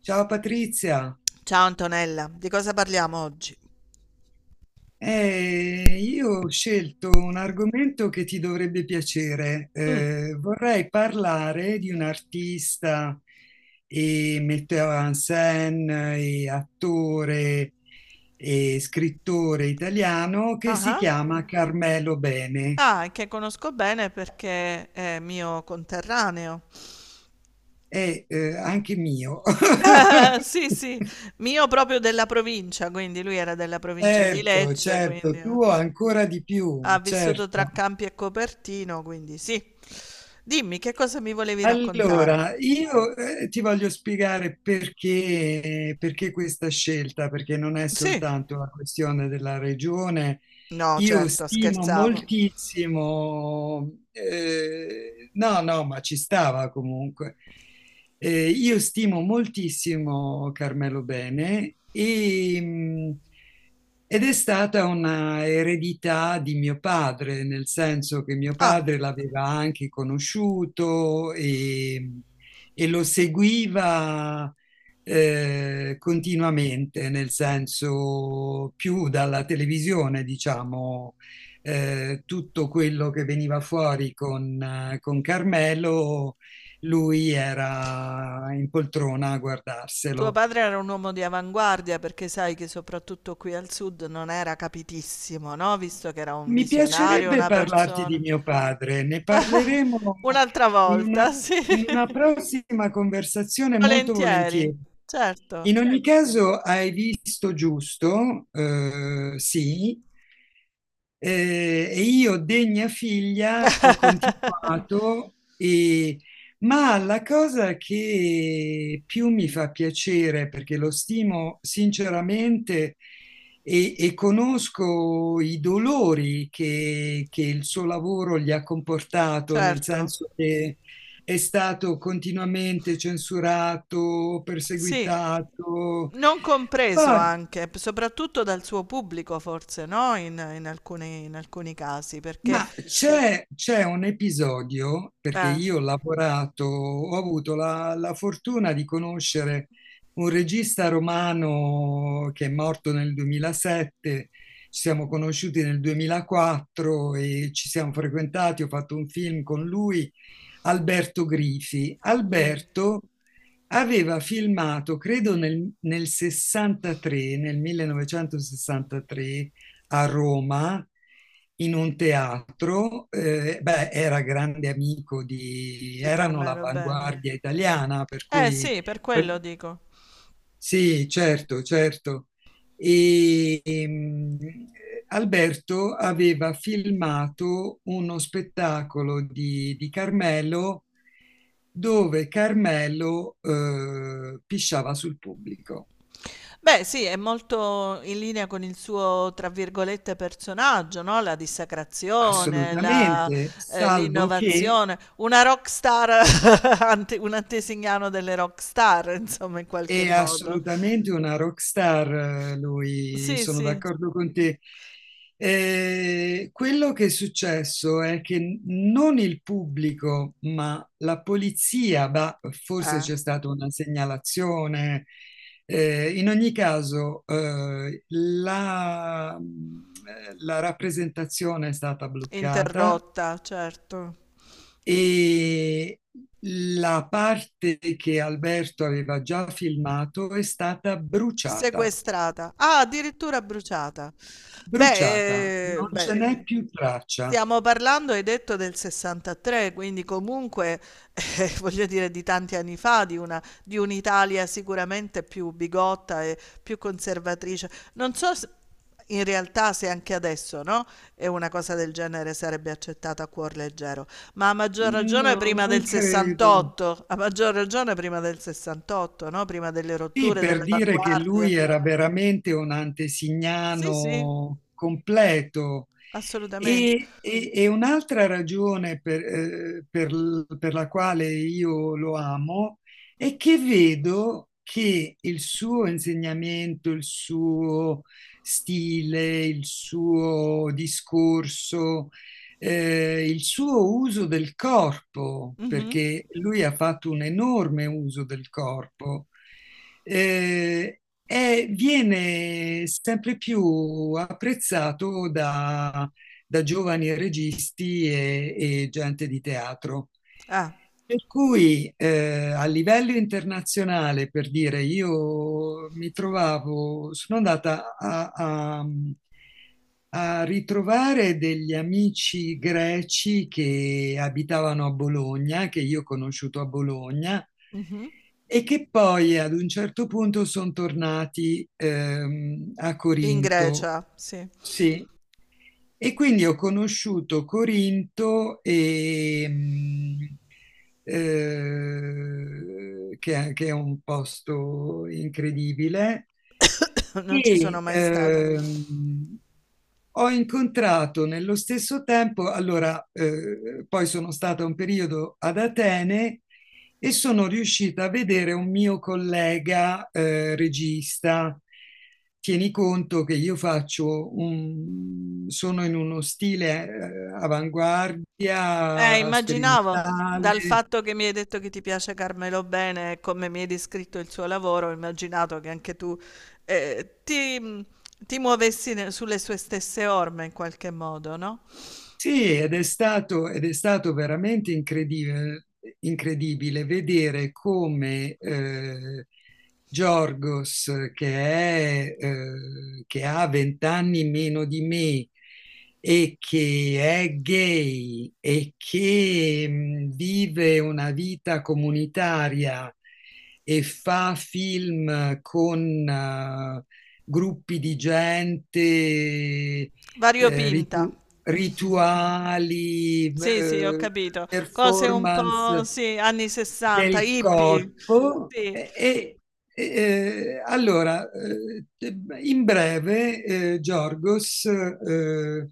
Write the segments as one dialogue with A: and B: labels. A: Ciao Patrizia.
B: Ciao Antonella, di cosa parliamo oggi?
A: Io ho scelto un argomento che ti dovrebbe piacere. Vorrei parlare di un artista e metteur en scène e attore e scrittore italiano che si
B: Ah,
A: chiama Carmelo Bene.
B: ah, che conosco bene perché è mio conterraneo.
A: È anche mio.
B: Sì, sì, mio proprio della provincia, quindi lui era della provincia di
A: Certo,
B: Lecce, quindi
A: certo,
B: eh,
A: tuo ancora di
B: Ha
A: più,
B: vissuto tra
A: certo.
B: Campi e Copertino, quindi sì. Dimmi, che cosa mi volevi raccontare?
A: Allora, io ti voglio spiegare perché, questa scelta, perché non è
B: Sì.
A: soltanto una questione della regione,
B: No,
A: io
B: certo,
A: stimo
B: scherzavo.
A: moltissimo, no, no, ma ci stava comunque. Io stimo moltissimo Carmelo Bene e, ed è stata una eredità di mio padre, nel senso che mio
B: Ah,
A: padre l'aveva anche conosciuto e, lo seguiva continuamente, nel senso più dalla televisione, diciamo, tutto quello che veniva fuori con, Carmelo, lui era in poltrona a
B: tuo
A: guardarselo.
B: padre era un uomo di avanguardia perché sai che soprattutto qui al sud non era capitissimo, no, visto che era un
A: Mi
B: visionario,
A: piacerebbe
B: una
A: parlarti
B: persona...
A: di mio padre, ne parleremo
B: Un'altra
A: in una,
B: volta, sì.
A: prossima conversazione molto
B: Volentieri,
A: volentieri.
B: certo.
A: In ogni caso, hai visto giusto, sì, e io, degna figlia, ho continuato e ma la cosa che più mi fa piacere, perché lo stimo sinceramente e, conosco i dolori che, il suo lavoro gli ha comportato, nel
B: Certo,
A: senso che è stato continuamente censurato,
B: sì,
A: perseguitato.
B: non compreso
A: Poi
B: anche, p soprattutto dal suo pubblico forse, no, in alcuni casi, perché
A: Ma c'è un episodio, perché
B: eh,
A: io ho lavorato, ho avuto la, fortuna di conoscere un regista romano che è morto nel 2007, ci siamo conosciuti nel 2004 e ci siamo frequentati, ho fatto un film con lui, Alberto Grifi. Alberto aveva filmato, credo nel, 63, nel 1963, a Roma, in un teatro. Beh, era grande amico
B: di
A: erano
B: Carmelo Bene.
A: l'avanguardia italiana, per
B: Eh
A: cui
B: sì, per quello dico.
A: sì, certo, certo. E, Alberto aveva filmato uno spettacolo di, Carmelo, dove Carmelo pisciava sul pubblico.
B: Beh, sì, è molto in linea con il suo, tra virgolette, "personaggio", no, la
A: Grazie.
B: dissacrazione, la
A: Assolutamente,
B: ehm,
A: salvo che.
B: l'innovazione, una rock star, ante un antesignano delle rock star, insomma, in qualche
A: È
B: modo.
A: assolutamente una rockstar, lui,
B: Sì,
A: sono
B: sì.
A: d'accordo con te. Quello che è successo è che non il pubblico, ma la polizia, bah, forse
B: Eh,
A: c'è stata una segnalazione. In ogni caso, la rappresentazione è stata bloccata
B: interrotta, certo.
A: e la parte che Alberto aveva già filmato è stata bruciata,
B: Sequestrata. Ah, addirittura bruciata.
A: bruciata,
B: Beh,
A: non ce n'è
B: beh,
A: più traccia.
B: stiamo parlando, hai detto, del '63, quindi comunque, voglio dire, di tanti anni fa, di una, di un'Italia sicuramente più bigotta e più conservatrice. Non so se- In realtà se anche adesso, no? E una cosa del genere sarebbe accettata a cuor leggero. Ma a maggior ragione
A: No,
B: prima
A: non
B: del
A: credo.
B: 68, a maggior ragione prima del 68, no? Prima delle
A: Sì,
B: rotture,
A: per
B: delle
A: dire che
B: avanguardie.
A: lui era veramente un
B: Sì, sì,
A: antesignano completo.
B: assolutamente.
A: E un'altra ragione per la quale io lo amo è che vedo che il suo insegnamento, il suo stile, il suo discorso, il suo uso del corpo,
B: Mhm.
A: perché lui ha fatto un enorme uso del corpo, viene sempre più apprezzato da giovani registi e, gente di teatro.
B: Ah,
A: Per cui, a livello internazionale, per dire, io mi trovavo, sono andata a, ritrovare degli amici greci che abitavano a Bologna, che io ho conosciuto a Bologna,
B: mhm.
A: e che poi ad un certo punto sono tornati a
B: In
A: Corinto.
B: Grecia, sì.
A: Sì, e quindi ho conosciuto Corinto, e che è un posto incredibile,
B: Non ci sono
A: e
B: mai stata.
A: ho incontrato nello stesso tempo, allora, poi sono stata un periodo ad Atene e sono riuscita a vedere un mio collega, regista. Tieni conto che io sono in uno stile, avanguardia,
B: Immaginavo, dal
A: sperimentale.
B: fatto che mi hai detto che ti piace Carmelo Bene e come mi hai descritto il suo lavoro, ho immaginato che anche tu eh, ti, ti sulle sue stesse orme in qualche modo, no?
A: Sì, ed è stato veramente incredibile, incredibile vedere come, Giorgos, che ha vent'anni meno di me e che è gay e che vive una vita comunitaria e fa film con gruppi di gente, eh,
B: Variopinta.
A: ritu- rituali,
B: Sì, sì, ho capito. Cose un po'
A: performance
B: sì, anni 60,
A: del
B: hippie.
A: corpo
B: Sì,
A: e, allora, in breve, Giorgos, eh,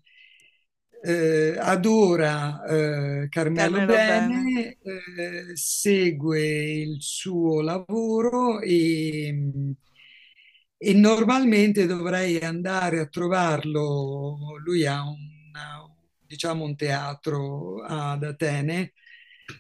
A: eh, adora, Carmelo
B: Carmelo Bene.
A: Bene, segue il suo lavoro e, normalmente dovrei andare a trovarlo. Lui ha un, diciamo, un teatro ad Atene,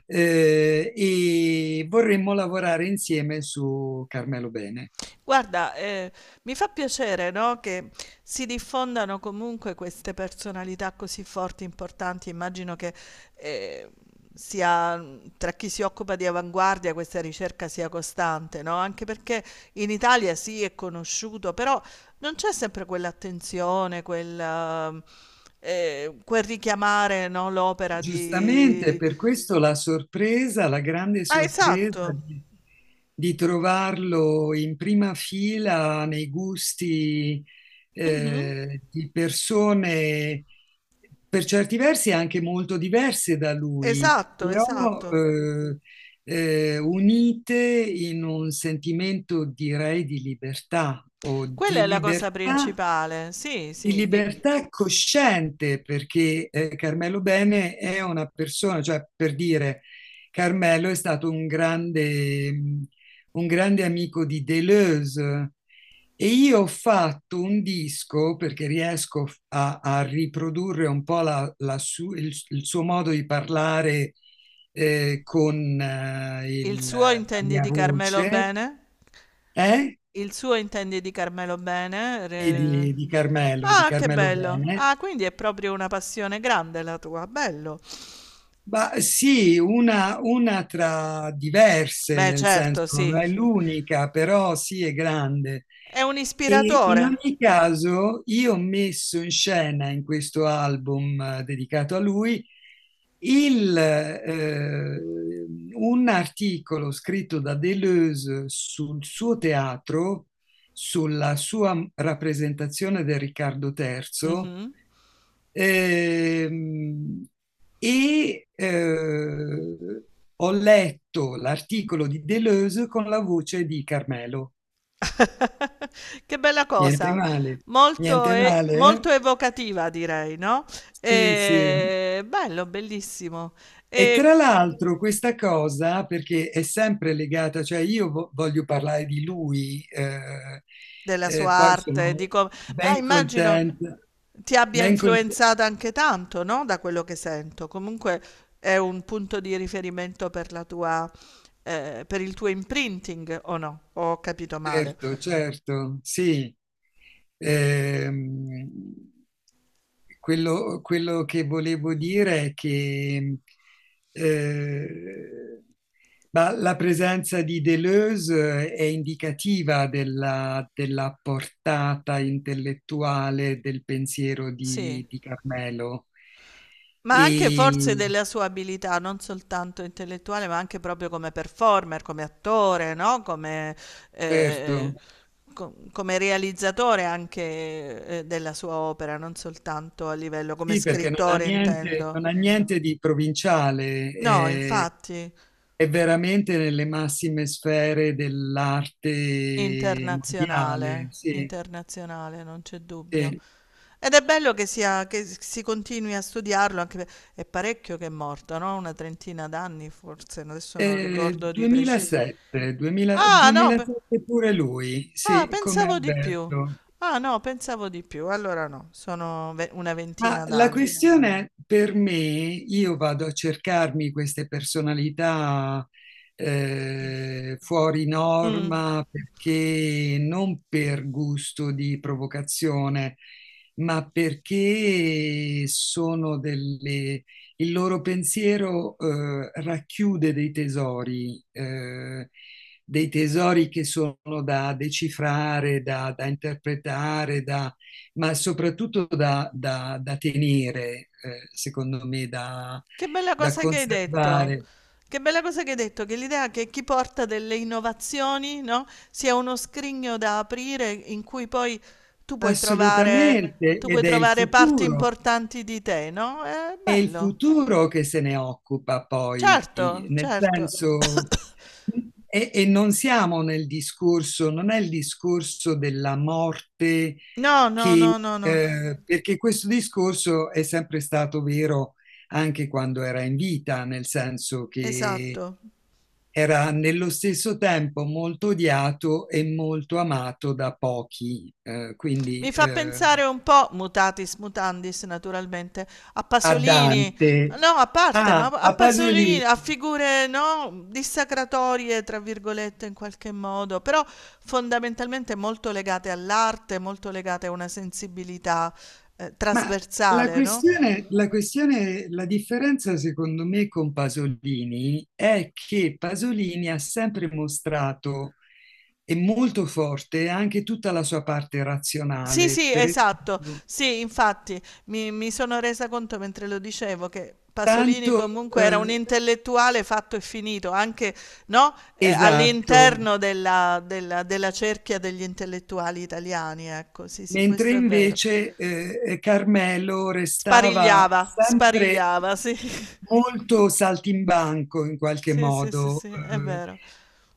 A: e vorremmo lavorare insieme su Carmelo Bene.
B: Guarda, mi fa piacere, no, che si diffondano comunque queste personalità così forti, importanti. Immagino che, ehm, sia tra chi si occupa di avanguardia questa ricerca sia costante, no, anche perché in Italia sì, è conosciuto, però non c'è sempre quell'attenzione, quel quel richiamare, no, l'opera
A: Giustamente,
B: di...
A: per questo la sorpresa, la grande
B: Ah,
A: sorpresa
B: esatto.
A: di, trovarlo in prima fila nei gusti,
B: Mh-mh.
A: di persone per certi versi anche molto diverse da lui,
B: Esatto,
A: però,
B: esatto.
A: unite in un sentimento, direi, di libertà o
B: Quella è la cosa principale, sì,
A: di
B: sì. Di...
A: libertà cosciente, perché, Carmelo Bene è una persona, cioè per dire, Carmelo è stato un grande, un grande amico di Deleuze, e io ho fatto un disco, perché riesco a, riprodurre un po' il suo modo di parlare, con
B: Il suo
A: la
B: intendi
A: mia
B: di Carmelo
A: voce,
B: Bene?
A: eh?
B: Il suo intendi di Carmelo Bene?
A: E
B: Re-
A: di Carmelo, di
B: Ah, che
A: Carmelo
B: bello.
A: Bene.
B: Ah, quindi è proprio una passione grande la tua, bello.
A: Ma sì, una, tra diverse,
B: Beh,
A: nel
B: certo,
A: senso non
B: sì.
A: è l'unica, però sì è grande.
B: È un
A: E in
B: ispiratore.
A: ogni caso io ho messo in scena in questo album, dedicato a lui, il, eh, un articolo scritto da Deleuze sul suo teatro, sulla sua rappresentazione del Riccardo III.
B: Mhm.
A: Ehm, e ho letto l'articolo di Deleuze con la voce di Carmelo.
B: Che bella
A: Niente
B: cosa.
A: male,
B: Molto,
A: niente
B: e-
A: male, eh?
B: molto evocativa, direi, no?
A: Sì, sì.
B: E... Bello, bellissimo.
A: E
B: E
A: tra l'altro questa cosa, perché è sempre legata, cioè io voglio parlare di lui,
B: della sua
A: poi
B: arte,
A: sono
B: di com-... Ma
A: ben
B: immagino
A: contenta,
B: ti abbia
A: ben contenta,
B: influenzata anche tanto, no, da quello che sento. Comunque è un punto di riferimento per la tua, per il tuo imprinting, o no? Ho capito male.
A: certo, certo, sì. Ehm, Quello che volevo dire è che, eh, ma la presenza di Deleuze, è indicativa della, portata intellettuale del pensiero
B: Sì,
A: di, Carmelo.
B: ma anche forse
A: E
B: della sua abilità, non soltanto intellettuale, ma anche proprio come performer, come attore, no? Eh,
A: certo,
B: Come realizzatore anche, della sua opera, non soltanto a livello come
A: sì, perché non ha
B: scrittore,
A: niente,
B: intendo.
A: non ha niente di provinciale,
B: No,
A: è,
B: infatti.
A: veramente nelle massime sfere dell'arte mondiale.
B: Internazionale,
A: Sì,
B: internazionale, non c'è dubbio.
A: sì.
B: Ed è bello che sia, che si continui a studiarlo, anche per-... È parecchio che è morto, no? Una trentina d'anni forse, adesso non
A: Eh,
B: ricordo di preciso.
A: 2007, 2000
B: Ah, no, pe-
A: 2007 pure lui,
B: Ah,
A: sì, come
B: pensavo di più.
A: Alberto.
B: Ah, no, pensavo di più. Allora no, una
A: Ma
B: ventina
A: la
B: d'anni.
A: questione per me, io vado a cercarmi queste personalità, fuori
B: Mm.
A: norma perché non per gusto di provocazione, ma perché sono delle... Il loro pensiero, racchiude dei tesori che sono da decifrare, da, interpretare, da ma soprattutto da tenere, secondo me, da,
B: Che bella cosa che hai detto.
A: conservare.
B: Che bella cosa che hai detto, che l'idea che chi porta delle innovazioni, no, sia uno scrigno da aprire in cui poi tu puoi trovare
A: Assolutamente,
B: tu puoi
A: ed è il
B: trovare parti
A: futuro.
B: importanti di te, no, è
A: È il
B: bello.
A: futuro che se ne occupa poi,
B: Certo,
A: nel
B: certo.
A: senso, e, non siamo nel discorso, non è il discorso della morte
B: No, no,
A: che,
B: no, no, no.
A: perché questo discorso è sempre stato vero anche quando era in vita, nel senso che
B: Esatto.
A: era nello stesso tempo molto odiato e molto amato da pochi, quindi,
B: Mi fa pensare un po', mutatis mutandis naturalmente, a
A: a
B: Pasolini,
A: Dante.
B: no, a parte, ma
A: Ah,
B: a
A: a
B: Pasolini,
A: Pasolini.
B: a figure, no, dissacratorie, tra virgolette, in qualche modo, però fondamentalmente molto legate all'arte, molto legate a una sensibilità,
A: Ma
B: trasversale, no?
A: la differenza secondo me con Pasolini è che Pasolini ha sempre mostrato e molto forte anche tutta la sua parte
B: Sì,
A: razionale,
B: sì,
A: per
B: esatto.
A: esempio,
B: Sì, infatti mi sono resa conto mentre lo dicevo che Pasolini
A: tanto,
B: comunque era un
A: eh,
B: intellettuale fatto e finito, anche, no,
A: esatto,
B: all'interno della cerchia degli intellettuali italiani, ecco. Sì, sì,
A: mentre
B: questo è vero.
A: invece, Carmelo restava
B: Sparigliava,
A: sempre
B: sparigliava, sì.
A: molto saltimbanco in qualche
B: Sì, sì, sì,
A: modo.
B: sì, è vero.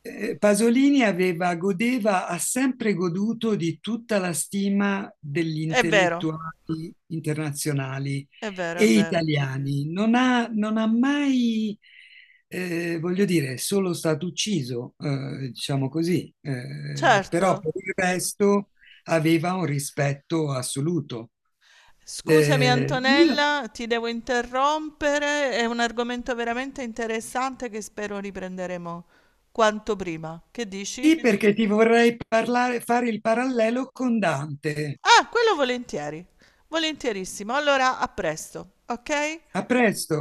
A: Pasolini aveva, godeva, ha sempre goduto di tutta la stima degli
B: È vero,
A: intellettuali internazionali
B: è vero,
A: e
B: è vero.
A: italiani. Non ha mai, voglio dire, è solo stato ucciso, diciamo così, però
B: Certo.
A: per il resto aveva un rispetto assoluto.
B: Scusami
A: Eh, io-
B: Antonella, ti devo interrompere, è un argomento veramente interessante che spero riprenderemo quanto prima. Che dici?
A: sì, perché ti vorrei parlare, fare il parallelo con Dante.
B: Ah, quello volentieri, volentierissimo. Allora, a presto, ok?
A: A presto.